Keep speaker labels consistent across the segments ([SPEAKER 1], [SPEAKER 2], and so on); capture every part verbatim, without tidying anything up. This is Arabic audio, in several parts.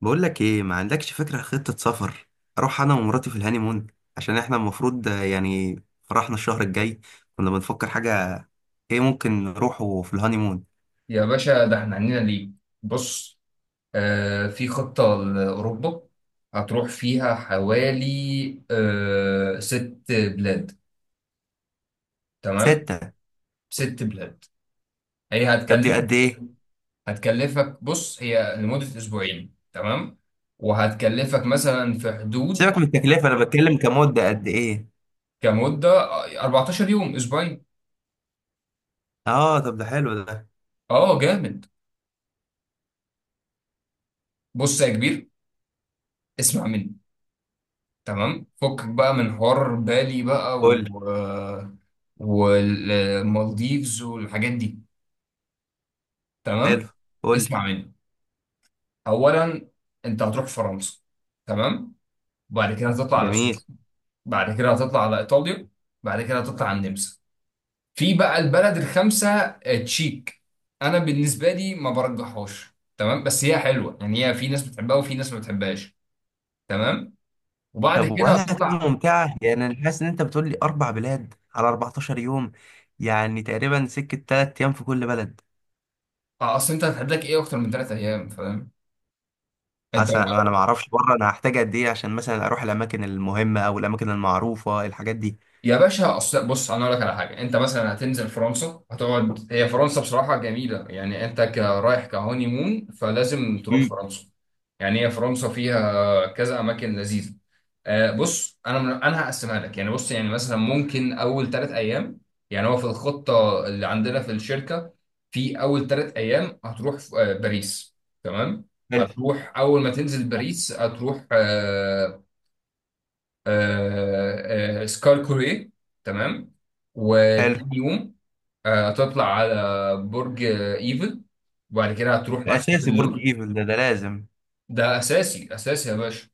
[SPEAKER 1] بقول لك ايه؟ ما عندكش فكره خطه سفر. اروح انا ومراتي في الهانيمون، عشان احنا المفروض آه، يعني فرحنا الشهر الجاي. كنا بنفكر حاجه ايه ممكن نروحه في الهانيمون.
[SPEAKER 2] يا باشا، ده احنا عندنا ليه؟ بص، آه في خطة لأوروبا هتروح فيها حوالي آه ست بلاد. تمام،
[SPEAKER 1] ستة.
[SPEAKER 2] ست بلاد. هي
[SPEAKER 1] طب دي قد
[SPEAKER 2] هتكلفك إيه؟
[SPEAKER 1] ايه؟
[SPEAKER 2] هتكلفك، بص، هي لمدة أسبوعين، تمام، وهتكلفك مثلا في حدود،
[SPEAKER 1] سيبك من التكلفه، انا بتكلم كمده قد ايه.
[SPEAKER 2] كمدة اربعتاشر يوم، أسبوعين.
[SPEAKER 1] اه، طب ده حلو ده.
[SPEAKER 2] اه، جامد. بص يا كبير، اسمع مني، تمام، فكك بقى من حوار بالي بقى و
[SPEAKER 1] قول لي.
[SPEAKER 2] والمالديفز والحاجات دي،
[SPEAKER 1] حلو.
[SPEAKER 2] تمام.
[SPEAKER 1] قول لي.
[SPEAKER 2] اسمع مني، اولا انت هتروح فرنسا، تمام، وبعد كده هتطلع على
[SPEAKER 1] جميل.
[SPEAKER 2] سويسرا، بعد كده هتطلع على ايطاليا، بعد كده هتطلع على النمسا. في بقى البلد الخامسه آه، تشيك. انا بالنسبه لي ما برجحهاش، تمام، بس هي حلوه يعني. هي في ناس بتحبها وفي ناس ما بتحبهاش، تمام. وبعد
[SPEAKER 1] طب
[SPEAKER 2] كده
[SPEAKER 1] ولا
[SPEAKER 2] هتطلع.
[SPEAKER 1] هتبقى ممتعه؟ يعني انا حاسس ان انت بتقول لي اربع بلاد على اربعتاشر يوم، يعني تقريبا سكه ثلاثة ايام في كل بلد.
[SPEAKER 2] آه، اصل انت هتحدد لك ايه اكتر من ثلاث ايام، فاهم انت؟
[SPEAKER 1] حسن انا ما اعرفش بره، انا هحتاج قد ايه عشان مثلا اروح الاماكن المهمه او الاماكن المعروفه الحاجات دي.
[SPEAKER 2] يا باشا، اصل بص، انا اقول لك على حاجه. انت مثلا هتنزل فرنسا، هتقعد. هي فرنسا بصراحه جميله يعني. انت كرايح كهوني مون، فلازم تروح
[SPEAKER 1] امم.
[SPEAKER 2] فرنسا. يعني هي فرنسا فيها كذا اماكن لذيذه. آه، بص، انا من... انا هقسمها لك يعني. بص يعني مثلا ممكن اول ثلاث ايام، يعني هو في الخطه اللي عندنا في الشركه، في اول ثلاث ايام هتروح ف- آه، باريس، تمام.
[SPEAKER 1] حلو.
[SPEAKER 2] هتروح اول ما تنزل باريس هتروح آه، آه، آه، سكار كوري، تمام.
[SPEAKER 1] حلو،
[SPEAKER 2] وتاني يوم آه، هتطلع على برج آه، ايفل، وبعد كده هتروح
[SPEAKER 1] ده
[SPEAKER 2] متحف
[SPEAKER 1] اساسي، برج
[SPEAKER 2] اللوفر.
[SPEAKER 1] ايفل ده ده لازم.
[SPEAKER 2] ده اساسي اساسي يا باشا.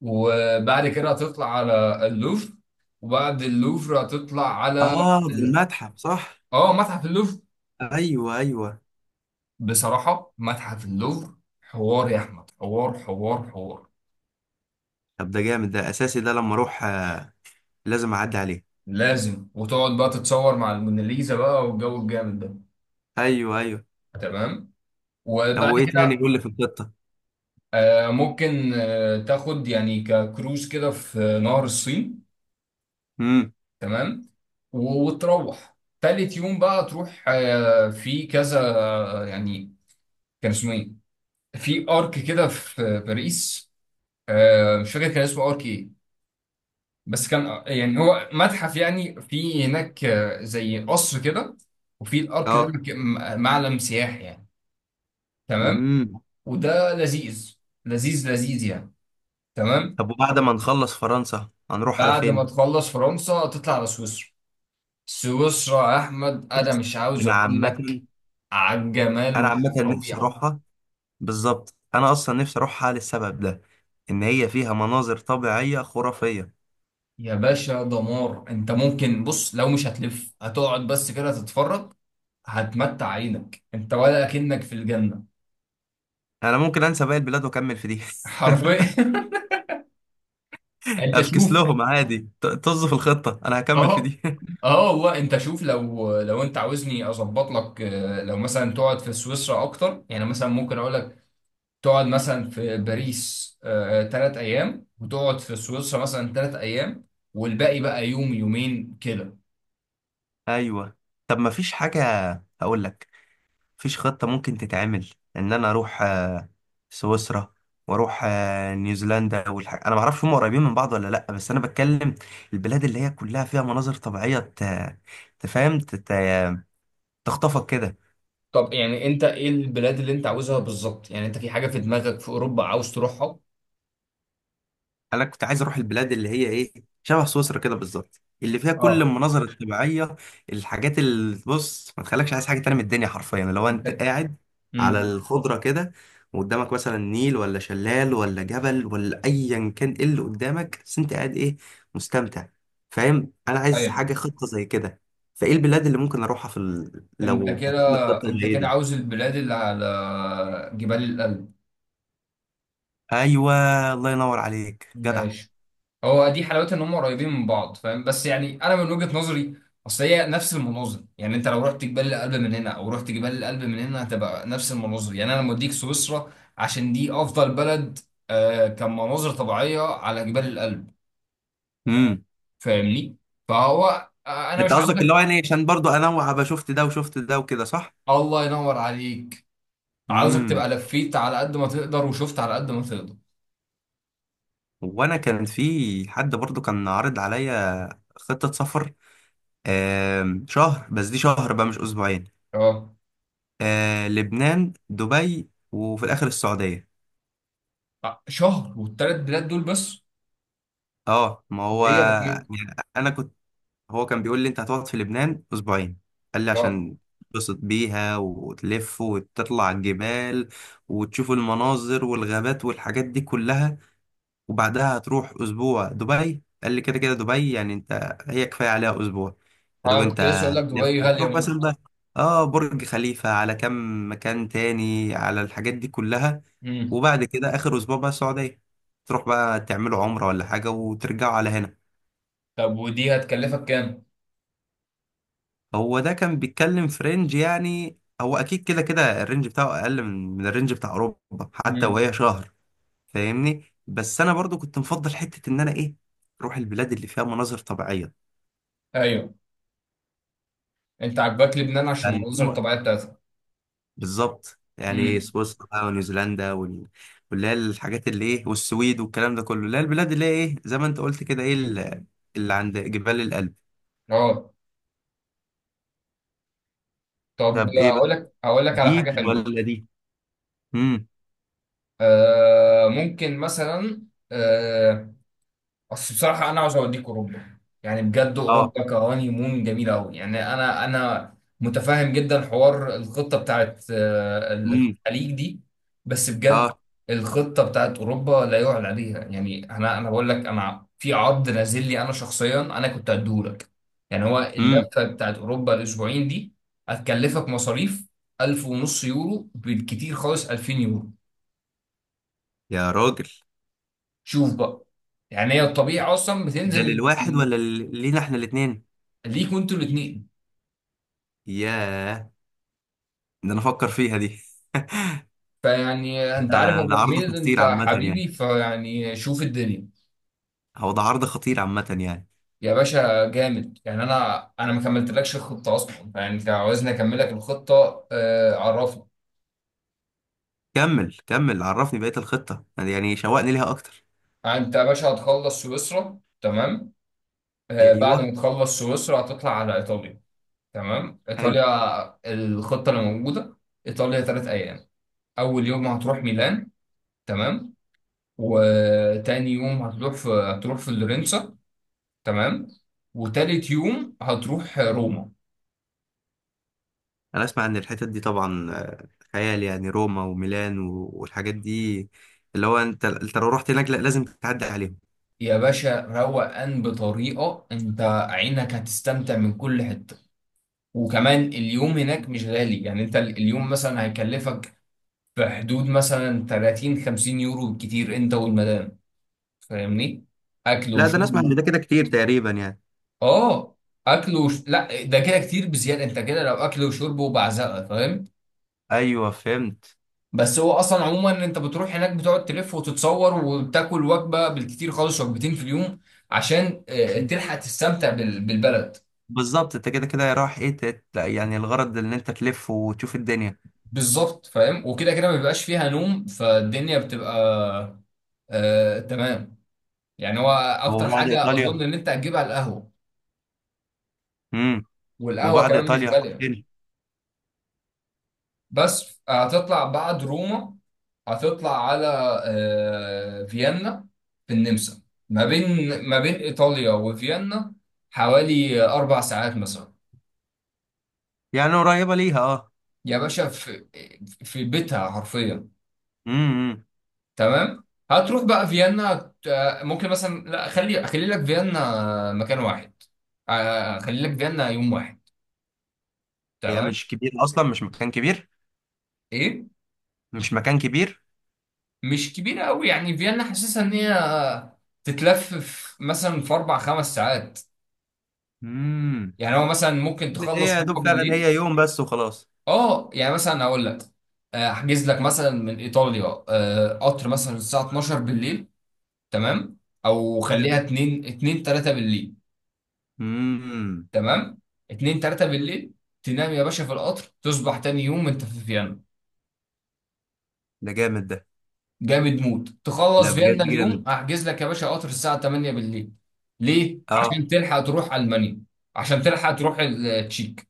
[SPEAKER 2] وبعد كده هتطلع على اللوفر، وبعد اللوفر هتطلع على
[SPEAKER 1] اه، ده
[SPEAKER 2] ال...
[SPEAKER 1] المتحف صح؟
[SPEAKER 2] اه، متحف اللوفر.
[SPEAKER 1] ايوه، ايوه.
[SPEAKER 2] بصراحة متحف اللوفر حوار يا احمد، حوار حوار حوار.
[SPEAKER 1] طب ده جامد، ده اساسي، ده لما اروح آه، لازم اعدي عليه.
[SPEAKER 2] لازم، وتقعد بقى تتصور مع الموناليزا بقى والجو الجامد ده،
[SPEAKER 1] ايوه، ايوه.
[SPEAKER 2] تمام.
[SPEAKER 1] طب
[SPEAKER 2] وبعد
[SPEAKER 1] وايه تاني
[SPEAKER 2] كده
[SPEAKER 1] يقول لي في الخطه؟
[SPEAKER 2] آه، ممكن آه، تاخد يعني ككروز كده في نهر الصين،
[SPEAKER 1] امم.
[SPEAKER 2] تمام. و- وتروح تالت يوم بقى، تروح آه، في كذا آه، يعني، كان اسمه ايه؟ في ارك كده في باريس. آه، مش فاكر كان اسمه ارك ايه، بس كان آه، يعني هو متحف يعني. في هناك آه، زي قصر كده، وفي الارك ده
[SPEAKER 1] اه.
[SPEAKER 2] مك- م- معلم سياحي يعني، تمام.
[SPEAKER 1] امم.
[SPEAKER 2] وده لذيذ، لذيذ لذيذ يعني، تمام.
[SPEAKER 1] طب وبعد ما نخلص فرنسا هنروح على
[SPEAKER 2] بعد ما
[SPEAKER 1] فين؟
[SPEAKER 2] تخلص فرنسا تطلع على سويسرا. سويسرا يا احمد، انا
[SPEAKER 1] بص،
[SPEAKER 2] مش عاوز
[SPEAKER 1] انا
[SPEAKER 2] اقول لك
[SPEAKER 1] عامه.
[SPEAKER 2] على الجمال
[SPEAKER 1] انا عامه نفسي
[SPEAKER 2] والطبيعه.
[SPEAKER 1] اروحها. بالظبط، انا اصلا نفسي اروحها للسبب ده، ان هي فيها مناظر طبيعيه خرافيه.
[SPEAKER 2] يا باشا، دمار. انت ممكن بص، لو مش هتلف هتقعد بس كده تتفرج، هتمتع عينك، انت ولا اكنك في الجنه
[SPEAKER 1] انا ممكن انسى باقي البلاد واكمل في دي.
[SPEAKER 2] حرفيا. انت
[SPEAKER 1] افكس
[SPEAKER 2] شوف.
[SPEAKER 1] لهم عادي، ط- طز في الخطه، انا هكمل في
[SPEAKER 2] اه،
[SPEAKER 1] دي.
[SPEAKER 2] اه والله، انت شوف، لو لو انت عاوزني اظبط لك، آه، لو مثلا تقعد في سويسرا اكتر يعني، مثلا ممكن اقول لك تقعد مثلا في باريس آه، آه، تلات أيام، وتقعد في سويسرا مثلا تلات أيام، والباقي بقى يوم يومين كده.
[SPEAKER 1] ايوه. طب ما فيش حاجه، هقول لك، فيش خطه ممكن تتعمل ان انا اروح آه، سويسرا واروح آه، نيوزيلندا والحاجة. انا ما اعرفش هم قريبين من بعض ولا لا، بس انا بتكلم البلاد اللي هي كلها فيها مناظر طبيعيه ت- تفهم تت- تخطفك كده.
[SPEAKER 2] طب يعني أنت إيه البلاد اللي أنت عاوزها بالظبط؟ يعني أنت في حاجة في دماغك في أوروبا عاوز تروحها؟
[SPEAKER 1] انا كنت عايز اروح البلاد اللي هي ايه، شبه سويسرا كده بالظبط، اللي فيها كل
[SPEAKER 2] اه،
[SPEAKER 1] المناظر الطبيعيه، الحاجات اللي بص ما تخليكش عايز حاجه تانية من الدنيا، حرفيا لو انت
[SPEAKER 2] أنت
[SPEAKER 1] قاعد على
[SPEAKER 2] امم
[SPEAKER 1] الخضره كده وقدامك مثلا نيل ولا شلال ولا جبل ولا ايا كان، ايه اللي قدامك بس انت قاعد ايه؟ مستمتع. فاهم انا عايز
[SPEAKER 2] أيوه.
[SPEAKER 1] حاجه خطه زي كده. فايه البلاد اللي ممكن اروحها في ال...
[SPEAKER 2] أنت
[SPEAKER 1] لو
[SPEAKER 2] كده
[SPEAKER 1] هتعمل خطه
[SPEAKER 2] أنت
[SPEAKER 1] زي
[SPEAKER 2] كده
[SPEAKER 1] دي.
[SPEAKER 2] عاوز البلاد اللي على جبال الألب.
[SPEAKER 1] ايوه. الله ينور عليك.
[SPEAKER 2] ماشي. هو دي حلاوتها، ان هم قريبين من بعض، فاهم؟ بس يعني انا من وجهة نظري، اصل هي نفس المناظر. يعني انت لو رحت جبال الألب من هنا او رحت جبال الألب من هنا هتبقى نفس المناظر. يعني انا موديك سويسرا عشان دي افضل بلد آه كمناظر طبيعية على جبال الألب.
[SPEAKER 1] جدع.
[SPEAKER 2] فاهمني؟ فهو آه انا
[SPEAKER 1] انت
[SPEAKER 2] مش
[SPEAKER 1] قصدك اللي هو
[SPEAKER 2] عاوزك.
[SPEAKER 1] يعني عشان برضو انوع ابقى شفت ده وشفت ده وكده صح؟
[SPEAKER 2] الله ينور عليك. عاوزك
[SPEAKER 1] امم.
[SPEAKER 2] تبقى لفيت على قد ما تقدر وشفت على قد ما تقدر.
[SPEAKER 1] وانا كان في حد برضو كان عارض عليا خطة سفر، آم، شهر، بس دي شهر بقى مش اسبوعين.
[SPEAKER 2] اه،
[SPEAKER 1] آه، لبنان، دبي، وفي الاخر السعودية.
[SPEAKER 2] آه، شهر والثلاث بلاد دول بس؟
[SPEAKER 1] اه، ما هو
[SPEAKER 2] دي بسيط.
[SPEAKER 1] يعني انا كنت. هو كان بيقول لي انت هتقعد في لبنان اسبوعين، قال لي
[SPEAKER 2] اه،
[SPEAKER 1] عشان تتبسط بيها وتلف وتطلع الجبال وتشوف المناظر والغابات والحاجات دي كلها. وبعدها هتروح اسبوع دبي، قال لي كده كده دبي، يعني انت هي كفايه عليها اسبوع. يا دوب
[SPEAKER 2] انا
[SPEAKER 1] انت
[SPEAKER 2] كنت لسه اقول لك
[SPEAKER 1] هتلف
[SPEAKER 2] دبي غالية
[SPEAKER 1] هتروح
[SPEAKER 2] موت.
[SPEAKER 1] مثلا بقى اه برج خليفه على كم مكان تاني على الحاجات دي كلها.
[SPEAKER 2] مم.
[SPEAKER 1] وبعد كده اخر اسبوع بقى السعوديه، تروح بقى تعملوا عمره ولا حاجه وترجعوا على هنا.
[SPEAKER 2] طب ودي هتكلفك كام؟
[SPEAKER 1] هو ده كان بيتكلم في رينج، يعني هو اكيد كده كده الرينج بتاعه اقل من من الرينج بتاع اوروبا حتى
[SPEAKER 2] امم.
[SPEAKER 1] وهي شهر. فاهمني؟ بس انا برضو كنت مفضل حته ان انا ايه، اروح البلاد اللي فيها مناظر طبيعيه.
[SPEAKER 2] ايوه، انت عاجباك لبنان عشان
[SPEAKER 1] فاللي
[SPEAKER 2] المناظر
[SPEAKER 1] هو
[SPEAKER 2] الطبيعيه بتاعتها.
[SPEAKER 1] بالظبط، يعني
[SPEAKER 2] امم.
[SPEAKER 1] سويسرا بقى ونيوزيلندا وال- واللي هي الحاجات اللي ايه، والسويد والكلام ده كله، اللي هي البلاد اللي هي ايه زي ما انت قلت كده، ايه ال- اللي عند جبال الألب.
[SPEAKER 2] اه، طب
[SPEAKER 1] طب ايه بقى؟
[SPEAKER 2] اقول لك، اقول لك على
[SPEAKER 1] دي
[SPEAKER 2] حاجه حلوه.
[SPEAKER 1] ولا دي؟ امم.
[SPEAKER 2] آه ممكن مثلا، آه بس بصراحة، أنا عاوز أوديك أوروبا. يعني بجد
[SPEAKER 1] اه.
[SPEAKER 2] أوروبا كهاني مون جميلة أوي. يعني أنا أنا متفاهم جدا حوار الخطة بتاعت آه،
[SPEAKER 1] امم.
[SPEAKER 2] الخليج دي، بس بجد
[SPEAKER 1] اه.
[SPEAKER 2] الخطة بتاعت أوروبا لا يعلى عليها. يعني أنا أنا بقول لك أنا في عرض نازل لي، أنا شخصيا أنا كنت هديهولك. يعني هو
[SPEAKER 1] امم.
[SPEAKER 2] اللفة بتاعت أوروبا الأسبوعين دي هتكلفك مصاريف ألف ونص يورو بالكتير خالص، ألفين يورو.
[SPEAKER 1] يا راجل.
[SPEAKER 2] شوف بقى، يعني هي الطبيعة أصلا
[SPEAKER 1] ده
[SPEAKER 2] بتنزل من
[SPEAKER 1] للواحد
[SPEAKER 2] من-
[SPEAKER 1] ولا لل- لينا احنا الاتنين؟
[SPEAKER 2] ليكوا انتوا الاثنين.
[SPEAKER 1] ياه. ده انا افكر فيها دي.
[SPEAKER 2] فيعني انت عارف يا
[SPEAKER 1] آه، ده
[SPEAKER 2] ابو
[SPEAKER 1] عرض
[SPEAKER 2] حميد، انت
[SPEAKER 1] خطير عامة يعني.
[SPEAKER 2] حبيبي، فيعني شوف الدنيا.
[SPEAKER 1] هو ده عرض خطير عامة يعني.
[SPEAKER 2] يا باشا جامد، يعني انا انا ما كملتلكش الخطه اصلا. يعني انت عاوزني اكمل لك الخطه؟ آه، عرفني.
[SPEAKER 1] كمل كمل عرفني بقية الخطة، يعني شوقني ليها اكتر.
[SPEAKER 2] يعني انت يا باشا هتخلص سويسرا، تمام. آه بعد ما
[SPEAKER 1] ايوه.
[SPEAKER 2] تخلص سويسرا هتطلع على ايطاليا، تمام.
[SPEAKER 1] حلو.
[SPEAKER 2] ايطاليا الخطه اللي موجوده، ايطاليا ثلاث ايام. اول يوم هتروح ميلان، تمام، وتاني يوم هتروح في هتروح في لورنسا، تمام، وتالت يوم هتروح روما.
[SPEAKER 1] انا اسمع ان الحتت دي طبعا خيال، يعني روما وميلان و- والحاجات دي، اللي هو انت انت لو رحت هناك لا لازم تعدي عليهم.
[SPEAKER 2] يا باشا، روقان بطريقة. انت عينك هتستمتع من كل حتة. وكمان اليوم هناك مش غالي يعني. انت ال- اليوم مثلا هيكلفك في حدود مثلا ثلاثين خمسين يورو بالكتير انت والمدام، فاهمني؟ اكل
[SPEAKER 1] لا ده انا اسمع ان
[SPEAKER 2] وشرب.
[SPEAKER 1] ده كده كتير تقريبا، يعني.
[SPEAKER 2] اه، اكل وش... لا، ده كده كتير بزيادة. انت كده لو اكل وشرب وبعزقة، فاهم؟
[SPEAKER 1] ايوه، فهمت.
[SPEAKER 2] بس هو اصلا عموما انت بتروح هناك بتقعد تلف وتتصور وبتاكل وجبة بالكتير خالص، وجبتين في اليوم، عشان آه، تلحق تستمتع بال- بالبلد.
[SPEAKER 1] بالظبط، انت كده كده رايح ايه تت... يعني الغرض ان انت تلف وتشوف الدنيا.
[SPEAKER 2] بالظبط، فاهم. وكده كده ما بيبقاش فيها نوم، فالدنيا بتبقى آه تمام. يعني هو اكتر
[SPEAKER 1] وبعد
[SPEAKER 2] حاجه اظن
[SPEAKER 1] ايطاليا.
[SPEAKER 2] ان انت هتجيبها القهوه.
[SPEAKER 1] امم.
[SPEAKER 2] والقهوه
[SPEAKER 1] وبعد
[SPEAKER 2] كمان مش
[SPEAKER 1] ايطاليا
[SPEAKER 2] غاليه.
[SPEAKER 1] فين؟
[SPEAKER 2] بس هتطلع بعد روما، هتطلع على آه فيينا في النمسا. ما بين ما بين ايطاليا وفيينا حوالي اربع ساعات مثلا.
[SPEAKER 1] يعني قريبه ليها اه.
[SPEAKER 2] يا باشا، في في بيتها حرفيا،
[SPEAKER 1] امم.
[SPEAKER 2] تمام. هتروح بقى فيينا. ت- آه، ممكن مثلا، لا، خلي اخلي لك فيينا مكان واحد. آه، اخلي لك فيينا يوم واحد،
[SPEAKER 1] هي
[SPEAKER 2] تمام.
[SPEAKER 1] مش كبيره اصلا، مش مكان كبير.
[SPEAKER 2] ايه،
[SPEAKER 1] مش مكان كبير.
[SPEAKER 2] مش كبيره قوي يعني. فيينا حاسسها ان هي آه، تتلف في مثلا في اربع خمس ساعات.
[SPEAKER 1] امم.
[SPEAKER 2] يعني هو مثلا ممكن
[SPEAKER 1] هي
[SPEAKER 2] تخلص
[SPEAKER 1] يا دوب
[SPEAKER 2] روما
[SPEAKER 1] فعلا
[SPEAKER 2] بالليل.
[SPEAKER 1] هي يوم بس وخلاص.
[SPEAKER 2] اه، يعني مثلا هقول لك، آه، احجز لك مثلا من ايطاليا آه، قطر مثلا الساعه اتناشر بالليل، تمام. او
[SPEAKER 1] حلو.
[SPEAKER 2] خليها اتنين اتنين تلاتة بالليل،
[SPEAKER 1] امم.
[SPEAKER 2] تمام. اتنين تلاتة بالليل، تنام يا باشا في القطر، تصبح تاني يوم انت في فيينا.
[SPEAKER 1] ده جامد ده.
[SPEAKER 2] جامد موت،
[SPEAKER 1] لا
[SPEAKER 2] تخلص
[SPEAKER 1] بجد
[SPEAKER 2] فيينا اليوم
[SPEAKER 1] جامد.
[SPEAKER 2] احجز لك يا باشا قطر الساعة تمانية بالليل. ليه؟
[SPEAKER 1] اه.
[SPEAKER 2] عشان تلحق تروح ألمانيا. عشان تلحق تروح ال- التشيك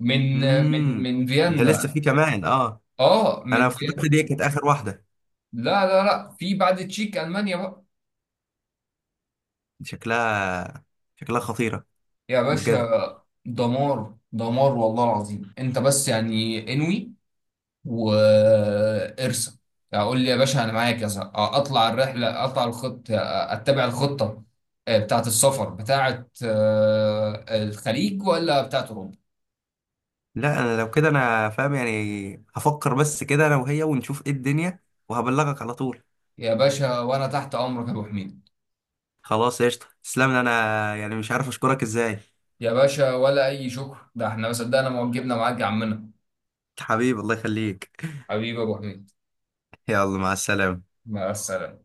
[SPEAKER 2] من من
[SPEAKER 1] امم.
[SPEAKER 2] من
[SPEAKER 1] ده لسه
[SPEAKER 2] فيينا.
[SPEAKER 1] في كمان اه؟
[SPEAKER 2] اه،
[SPEAKER 1] انا
[SPEAKER 2] من فيينا.
[SPEAKER 1] افتكرت دي كانت اخر واحده.
[SPEAKER 2] لا لا لا، في بعد التشيك ألمانيا بقى.
[SPEAKER 1] شكلها. شكلها خطيره.
[SPEAKER 2] يا
[SPEAKER 1] بجد.
[SPEAKER 2] باشا، دمار دمار والله العظيم. انت بس يعني انوي وارسم. اقول لي يا باشا انا معايا كذا. آه، اطلع الرحله، اطلع الخط، آه، اتبع الخطه آه، بتاعه السفر، بتاعه آه، الخليج ولا بتاعه اوروبا؟
[SPEAKER 1] لا انا لو كده انا فاهم، يعني هفكر بس كده انا وهي، ونشوف ايه الدنيا وهبلغك على طول.
[SPEAKER 2] يا باشا وانا تحت امرك يا ابو حميد.
[SPEAKER 1] خلاص، قشطه، تسلم لي، انا يعني مش عارف اشكرك ازاي.
[SPEAKER 2] يا باشا، ولا اي شكر، ده احنا ما صدقنا ما وجبنا معاك يا عمنا.
[SPEAKER 1] حبيبي، الله يخليك.
[SPEAKER 2] حبيبي يا ابو حميد.
[SPEAKER 1] يلا مع السلامه.
[SPEAKER 2] مع السلامه.